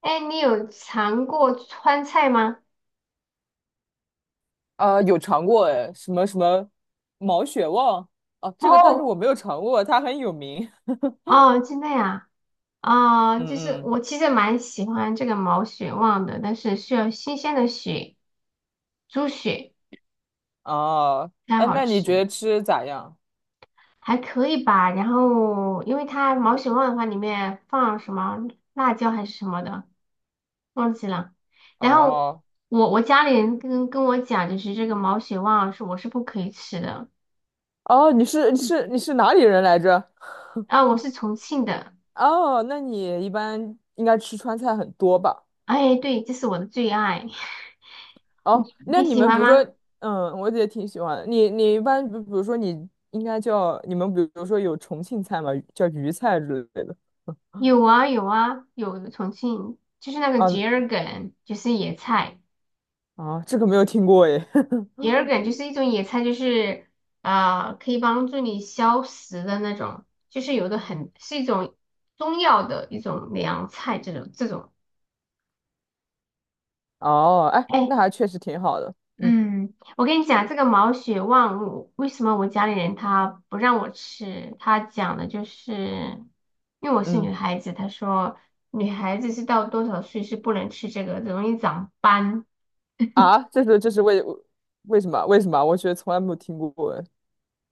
哎，你有尝过川菜吗？啊，有尝过哎，什么什么毛血旺。哦，这个但是我哦，没有尝过，它很有名。哦，真的呀，啊、就是嗯嗯。我其实蛮喜欢这个毛血旺的，但是需要新鲜的血，猪血哦，才哎，好那你觉吃，得吃咋样？还可以吧。然后，因为它毛血旺的话，里面放什么辣椒还是什么的，忘记了。然后哦我家里人跟我讲，就是这个毛血旺是我是不可以吃的，哦，你是哪里人来着？啊，我是重庆的，哦，那你一般应该吃川菜很多吧？哎，对，这是我的最爱，哦，那你你喜们比欢如说，吗？嗯，我也挺喜欢的。你一般比如说你应该叫你们比如说有重庆菜嘛，叫渝菜之类的。有啊有啊有重庆，就是那个啊桔儿梗，就是野菜。啊，这个没有听过哎。桔儿梗就是一种野菜，就是可以帮助你消食的那种，就是有的很是一种中药的一种凉菜，这种。哦，哎，哎，那还确实挺好的。嗯嗯，我跟你讲这个毛血旺，我为什么我家里人他不让我吃？他讲的就是因为我是女嗯。孩子，他说女孩子是到多少岁是不能吃这个，容易长斑。啊，这是为什么？我觉得从来没有听过哎。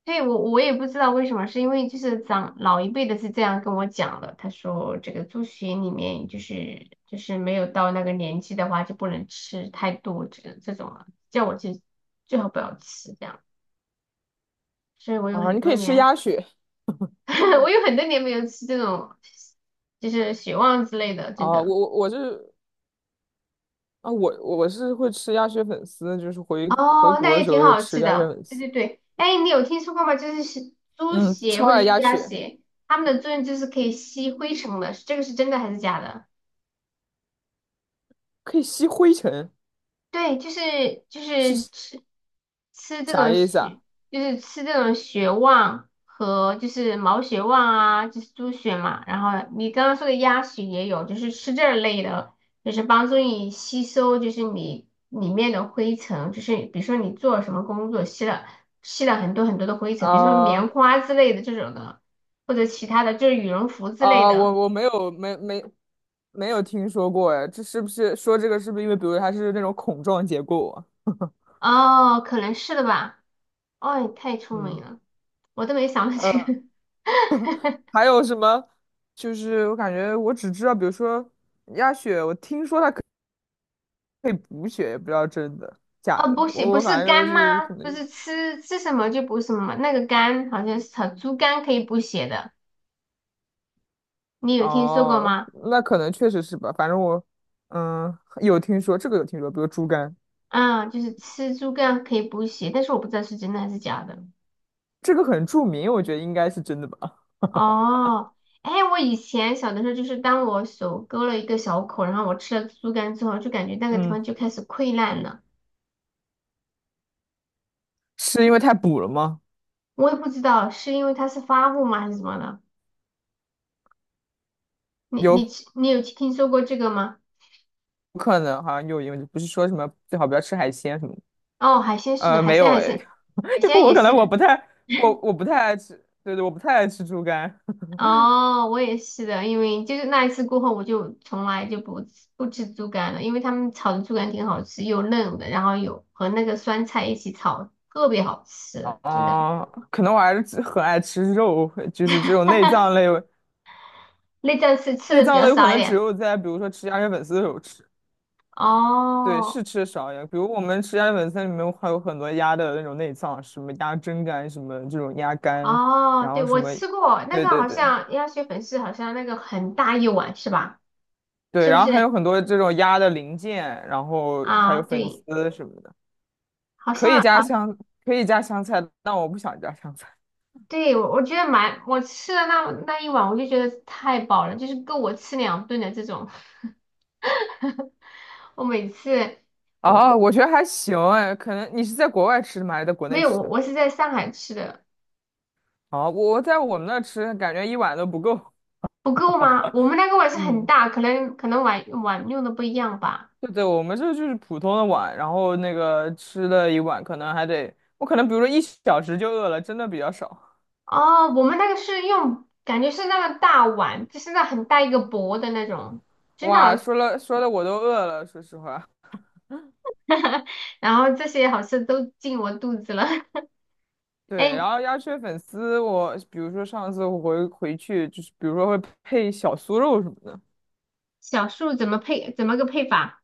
对，我也不知道为什么，是因为就是长老一辈的是这样跟我讲的，他说这个猪血里面就是没有到那个年纪的话就不能吃太多这种了，叫我去最好不要吃这样，所以我有啊，很你可多以吃年 鸭血。 我有很多年没有吃这种就是血旺之类的，真啊！的。我我我是啊，我是会吃鸭血粉丝，就是回回哦，那国的也时挺候会好吃吃鸭血的，粉对丝。对对，哎，你有听说过吗？就是猪嗯，血超或者爱是鸭鸭血。血，它们的作用就是可以吸灰尘的，这个是真的还是假的？可以吸灰尘，对，就是是吃这啥种意思啊？血，就是吃这种血旺和就是毛血旺啊，就是猪血嘛。然后你刚刚说的鸭血也有，就是吃这类的，就是帮助你吸收，就是你里面的灰尘，就是比如说你做什么工作吸了很多很多的灰尘，比如说棉啊花之类的这种的，或者其他的就是羽绒服之类啊，我的。我没有听说过哎，这是不是说这个是不是因为比如它是那种孔状结构啊？哦，可能是的吧。哦，你太聪明嗯。了，我都没想到这呃个。还有什么？就是我感觉我只知道，比如说鸭血，我听说它可以补血，也不知道真的假哦，的。补血我不我是反正就肝吗？是可能。不是吃什么就补什么，那个肝好像是炒猪肝可以补血的，你有听说过哦，吗？那可能确实是吧。反正我嗯有听说，这个有听说，比如猪肝，啊、就是吃猪肝可以补血，但是我不知道是真的还是假的。这个很著名，我觉得应该是真的吧。哦，哎，我以前小的时候，就是当我手割了一个小口，然后我吃了猪肝之后，就感觉那个地嗯，方就开始溃烂了，是因为太补了吗？我也不知道是因为它是发物吗，还是什么的。你你有吃你有听说过这个吗？可能，好像有。因为不是说什么最好不要吃海鲜什么的。哦，海鲜是的，海没鲜有海诶，鲜海 因为鲜我也可能是。我不太爱吃，对对，我不太爱吃猪肝。哦，我也是的，因为就是那一次过后，我就从来就不吃猪肝了，因为他们炒的猪肝挺好吃，又嫩的，然后有和那个酸菜一起炒，特别好吃，真的。啊，可能我还是很爱吃肉，就是这种内脏类。内脏是吃内的比脏较类有可少一能只点。有在比如说吃鸭血粉丝的时候吃，对，哦是吃的少一点。比如我们吃鸭血粉丝里面还有很多鸭的那种内脏，什么鸭胗肝，什么这种鸭肝，哦，然对，后什我么，吃过那对个，对好对像鸭血粉丝，好像那个很大一碗是吧？对，是不然后还是？有很多这种鸭的零件，然后还啊，有粉对，丝什么的。好可以像加好。香，可以加香菜，但我不想加香菜。对，我觉得蛮，我吃了那一碗，我就觉得太饱了，就是够我吃两顿的这种。我每次我哦，我我觉得还行哎。可能你是在国外吃的吗？还是在国没内有吃我的？我是在上海吃的，好，我在我们那吃，感觉一碗都不够。不够吗？我们那个碗是很嗯，大，可能碗用的不一样吧。对对，我们这就是普通的碗，然后那个吃了一碗，可能还得，我可能比如说1小时就饿了，真的比较少。哦，我们那个是用，感觉是那个大碗，就是那很大一个薄的那种，真的好 哇，说了说的我都饿了，说实话。然后这些好吃都进我肚子了。对，哎，然后鸭血粉丝我，比如说上次我回去，就是比如说会配小酥肉什么的。小树怎么配？怎么个配法？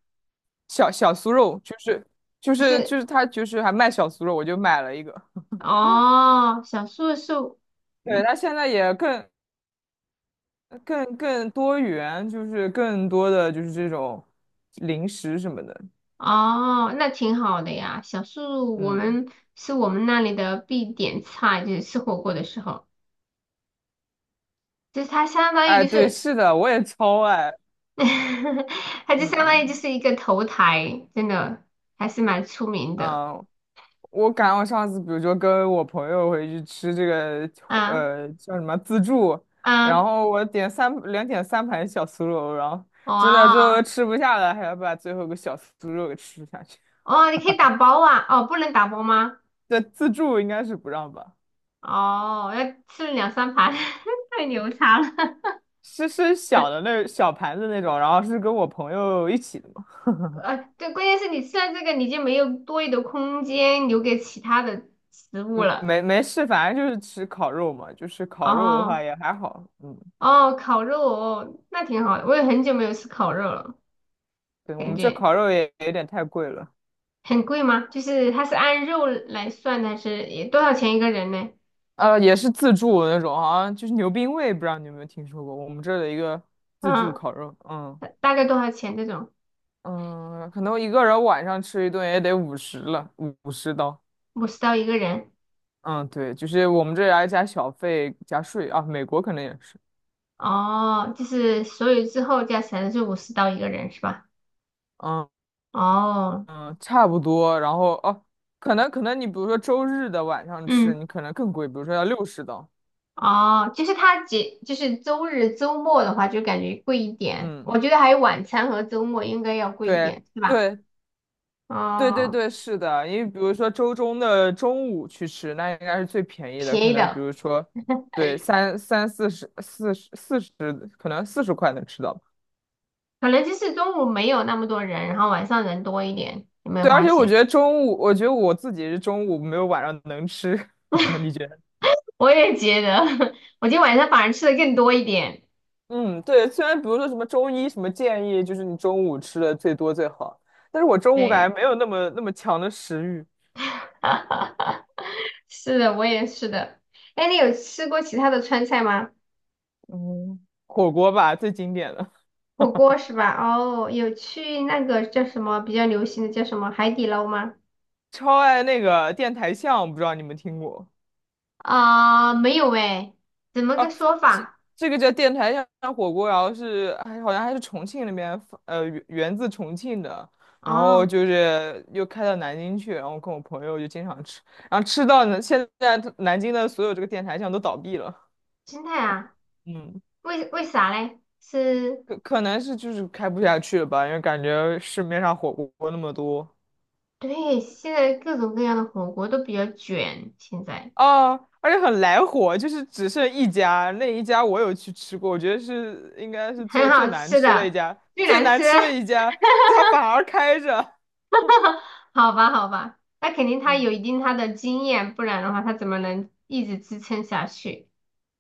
小酥肉就是就是是。就是他就是还卖小酥肉，我就买了一个。哦，小树是哦，对，他现在也更多元，就是更多的就是这种零食什么的。那挺好的呀。小树我嗯，们是我们那里的必点菜，就是吃火锅的时候，就是它相当于哎，就对，是，是的，我也超爱。它就嗯相当于就嗯是一个头台，真的还是蛮出名的。嗯。我上次比如说跟我朋友回去吃这个啊叫什么自助，然啊，后我点三盘小酥肉，然后真的最后哇吃不下了，还要把最后一个小酥肉给吃下去。哦，你可以打包啊？哦，不能打包吗？对，自助应该是不让吧。哦，要吃两三盘，太牛叉了。是小的那小盘子那种，然后是跟我朋友一起的。对，关键是你吃了这个，你就没有多余的空间留给其他的食物嗯，了。没事，反正就是吃烤肉嘛，就是烤肉的话哦也还好。嗯，哦，烤肉哦，那挺好的。我也很久没有吃烤肉了，对，我感们这觉烤肉也有点太贵了。很贵吗？就是它是按肉来算的，还是也多少钱一个人呢？呃，也是自助的那种，好像就是牛冰味，不知道你有没有听说过，我们这儿的一个自助嗯，烤肉。嗯大概多少钱这种？嗯，可能一个人晚上吃一顿也得五十了，50刀。五十刀一个人。嗯，对，就是我们这儿还加小费加税啊，美国可能也是。哦，就是所有之后加起来是五十刀一个人是吧？嗯哦，嗯，差不多，然后哦，可能你比如说周日的晚上吃，嗯。你可能更贵，比如说要60刀。哦，就是它节，就是周日、周末的话，就感觉贵一点。嗯。我觉得还有晚餐和周末应该要贵一对点，是吧？对对对哦，对，是的，因为比如说周中的中午去吃，那应该是最便宜的，便可宜能比的，如说，对，四十、四十、四十，可能40块能吃到吧。可能就是中午没有那么多人，然后晚上人多一点，有没有对，而发且我现？觉得中午，我觉得我自己是中午没有晚上能吃。你觉得？我也觉得，我今天晚上反而吃的更多一点。嗯，对，虽然比如说什么中医什么建议，就是你中午吃的最多最好，但是我中午感对，觉没有那么强的食欲。是的，我也是的。哎，你有吃过其他的川菜吗？嗯，火锅吧，最经典的，火锅是吧？哦，有去那个叫什么比较流行的叫什么海底捞吗？超爱那个电台巷，不知道你们听过。啊、没有诶，怎么个哦，说这法？这个叫电台巷火锅，然后是还好像还是重庆那边源自重庆的，然后哦，就是又开到南京去，然后跟我朋友就经常吃，然后吃到呢，现在南京的所有这个电台巷都倒闭了。心态啊，嗯，为啥嘞？是，可能是就是开不下去了吧，因为感觉市面上火锅那么多。对，现在各种各样的火锅都比较卷，现在 哦，而且很来火，就是只剩一家，那一家我有去吃过，我觉得是应该是 很做最好难吃吃的一的，家，最最难难吃，吃的一 家，它反而开着。好吧，好吧，那肯定他有一嗯，定他的经验，不然的话他怎么能一直支撑下去？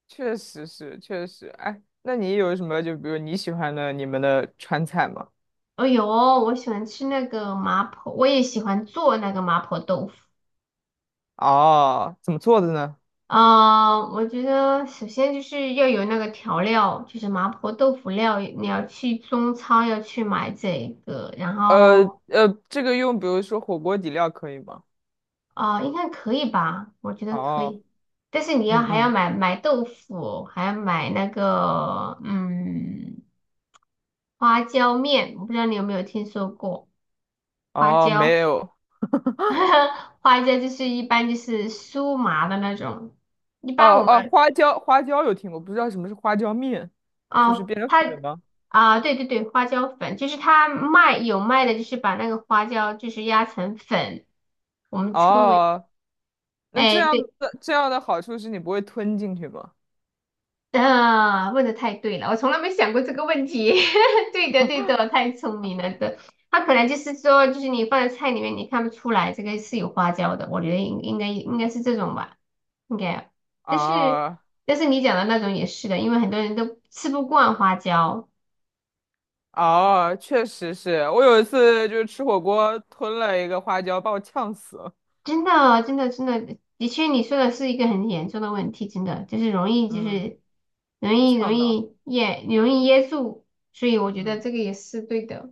确实是，确实，哎，那你有什么就比如你喜欢的你们的川菜吗？哦哟，我喜欢吃那个麻婆，我也喜欢做那个麻婆豆腐。哦，怎么做的呢？我觉得首先就是要有那个调料，就是麻婆豆腐料，你要去中超要去买这个，然后这个用比如说火锅底料可以吗？应该可以吧？我觉得可哦，以，但是你要嗯还要嗯，买豆腐，还要买那个花椒面，我不知道你有没有听说过花哦，没椒，有，花椒就是一般就是酥麻的那种，一哦般我哦，们。花椒有听过，不知道什么是花椒面，就是哦，变成它粉吗？啊，对对对，花椒粉就是它卖有卖的，就是把那个花椒就是压成粉，我们称为哦，那哎对这样的好处是你不会吞进去吗？啊，问的太对了，我从来没想过这个问题。对的对的，太聪明了的。它可能就是说，就是你放在菜里面，你看不出来这个是有花椒的，我觉得应该是这种吧，应该。但是啊但是你讲的那种也是的，因为很多人都吃不惯花椒。啊，确实是我有一次就是吃火锅吞了一个花椒，把我呛死了。真的哦，真的，真的，的确，你说的是一个很严重的问题，真的就是容易，就嗯，是容易容呛到。易噎，容易噎住，所以我觉得嗯这个也是对的。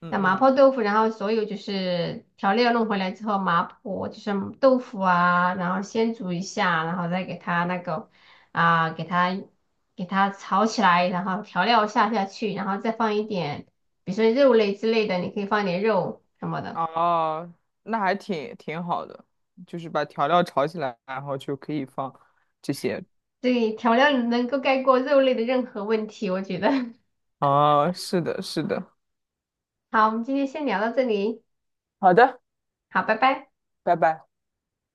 嗯那麻嗯。婆豆腐，然后所有就是调料弄回来之后，麻婆就是豆腐啊，然后先煮一下，然后再给它那个啊，给它炒起来，然后调料下下去，然后再放一点，比如说肉类之类的，你可以放一点肉什么的。哦，那还挺好的，就是把调料炒起来，然后就可以放这些。对，调料能够盖过肉类的任何问题，我觉得。哦，是的，是的。好，我们今天先聊到这里，好的，好，拜拜。拜拜。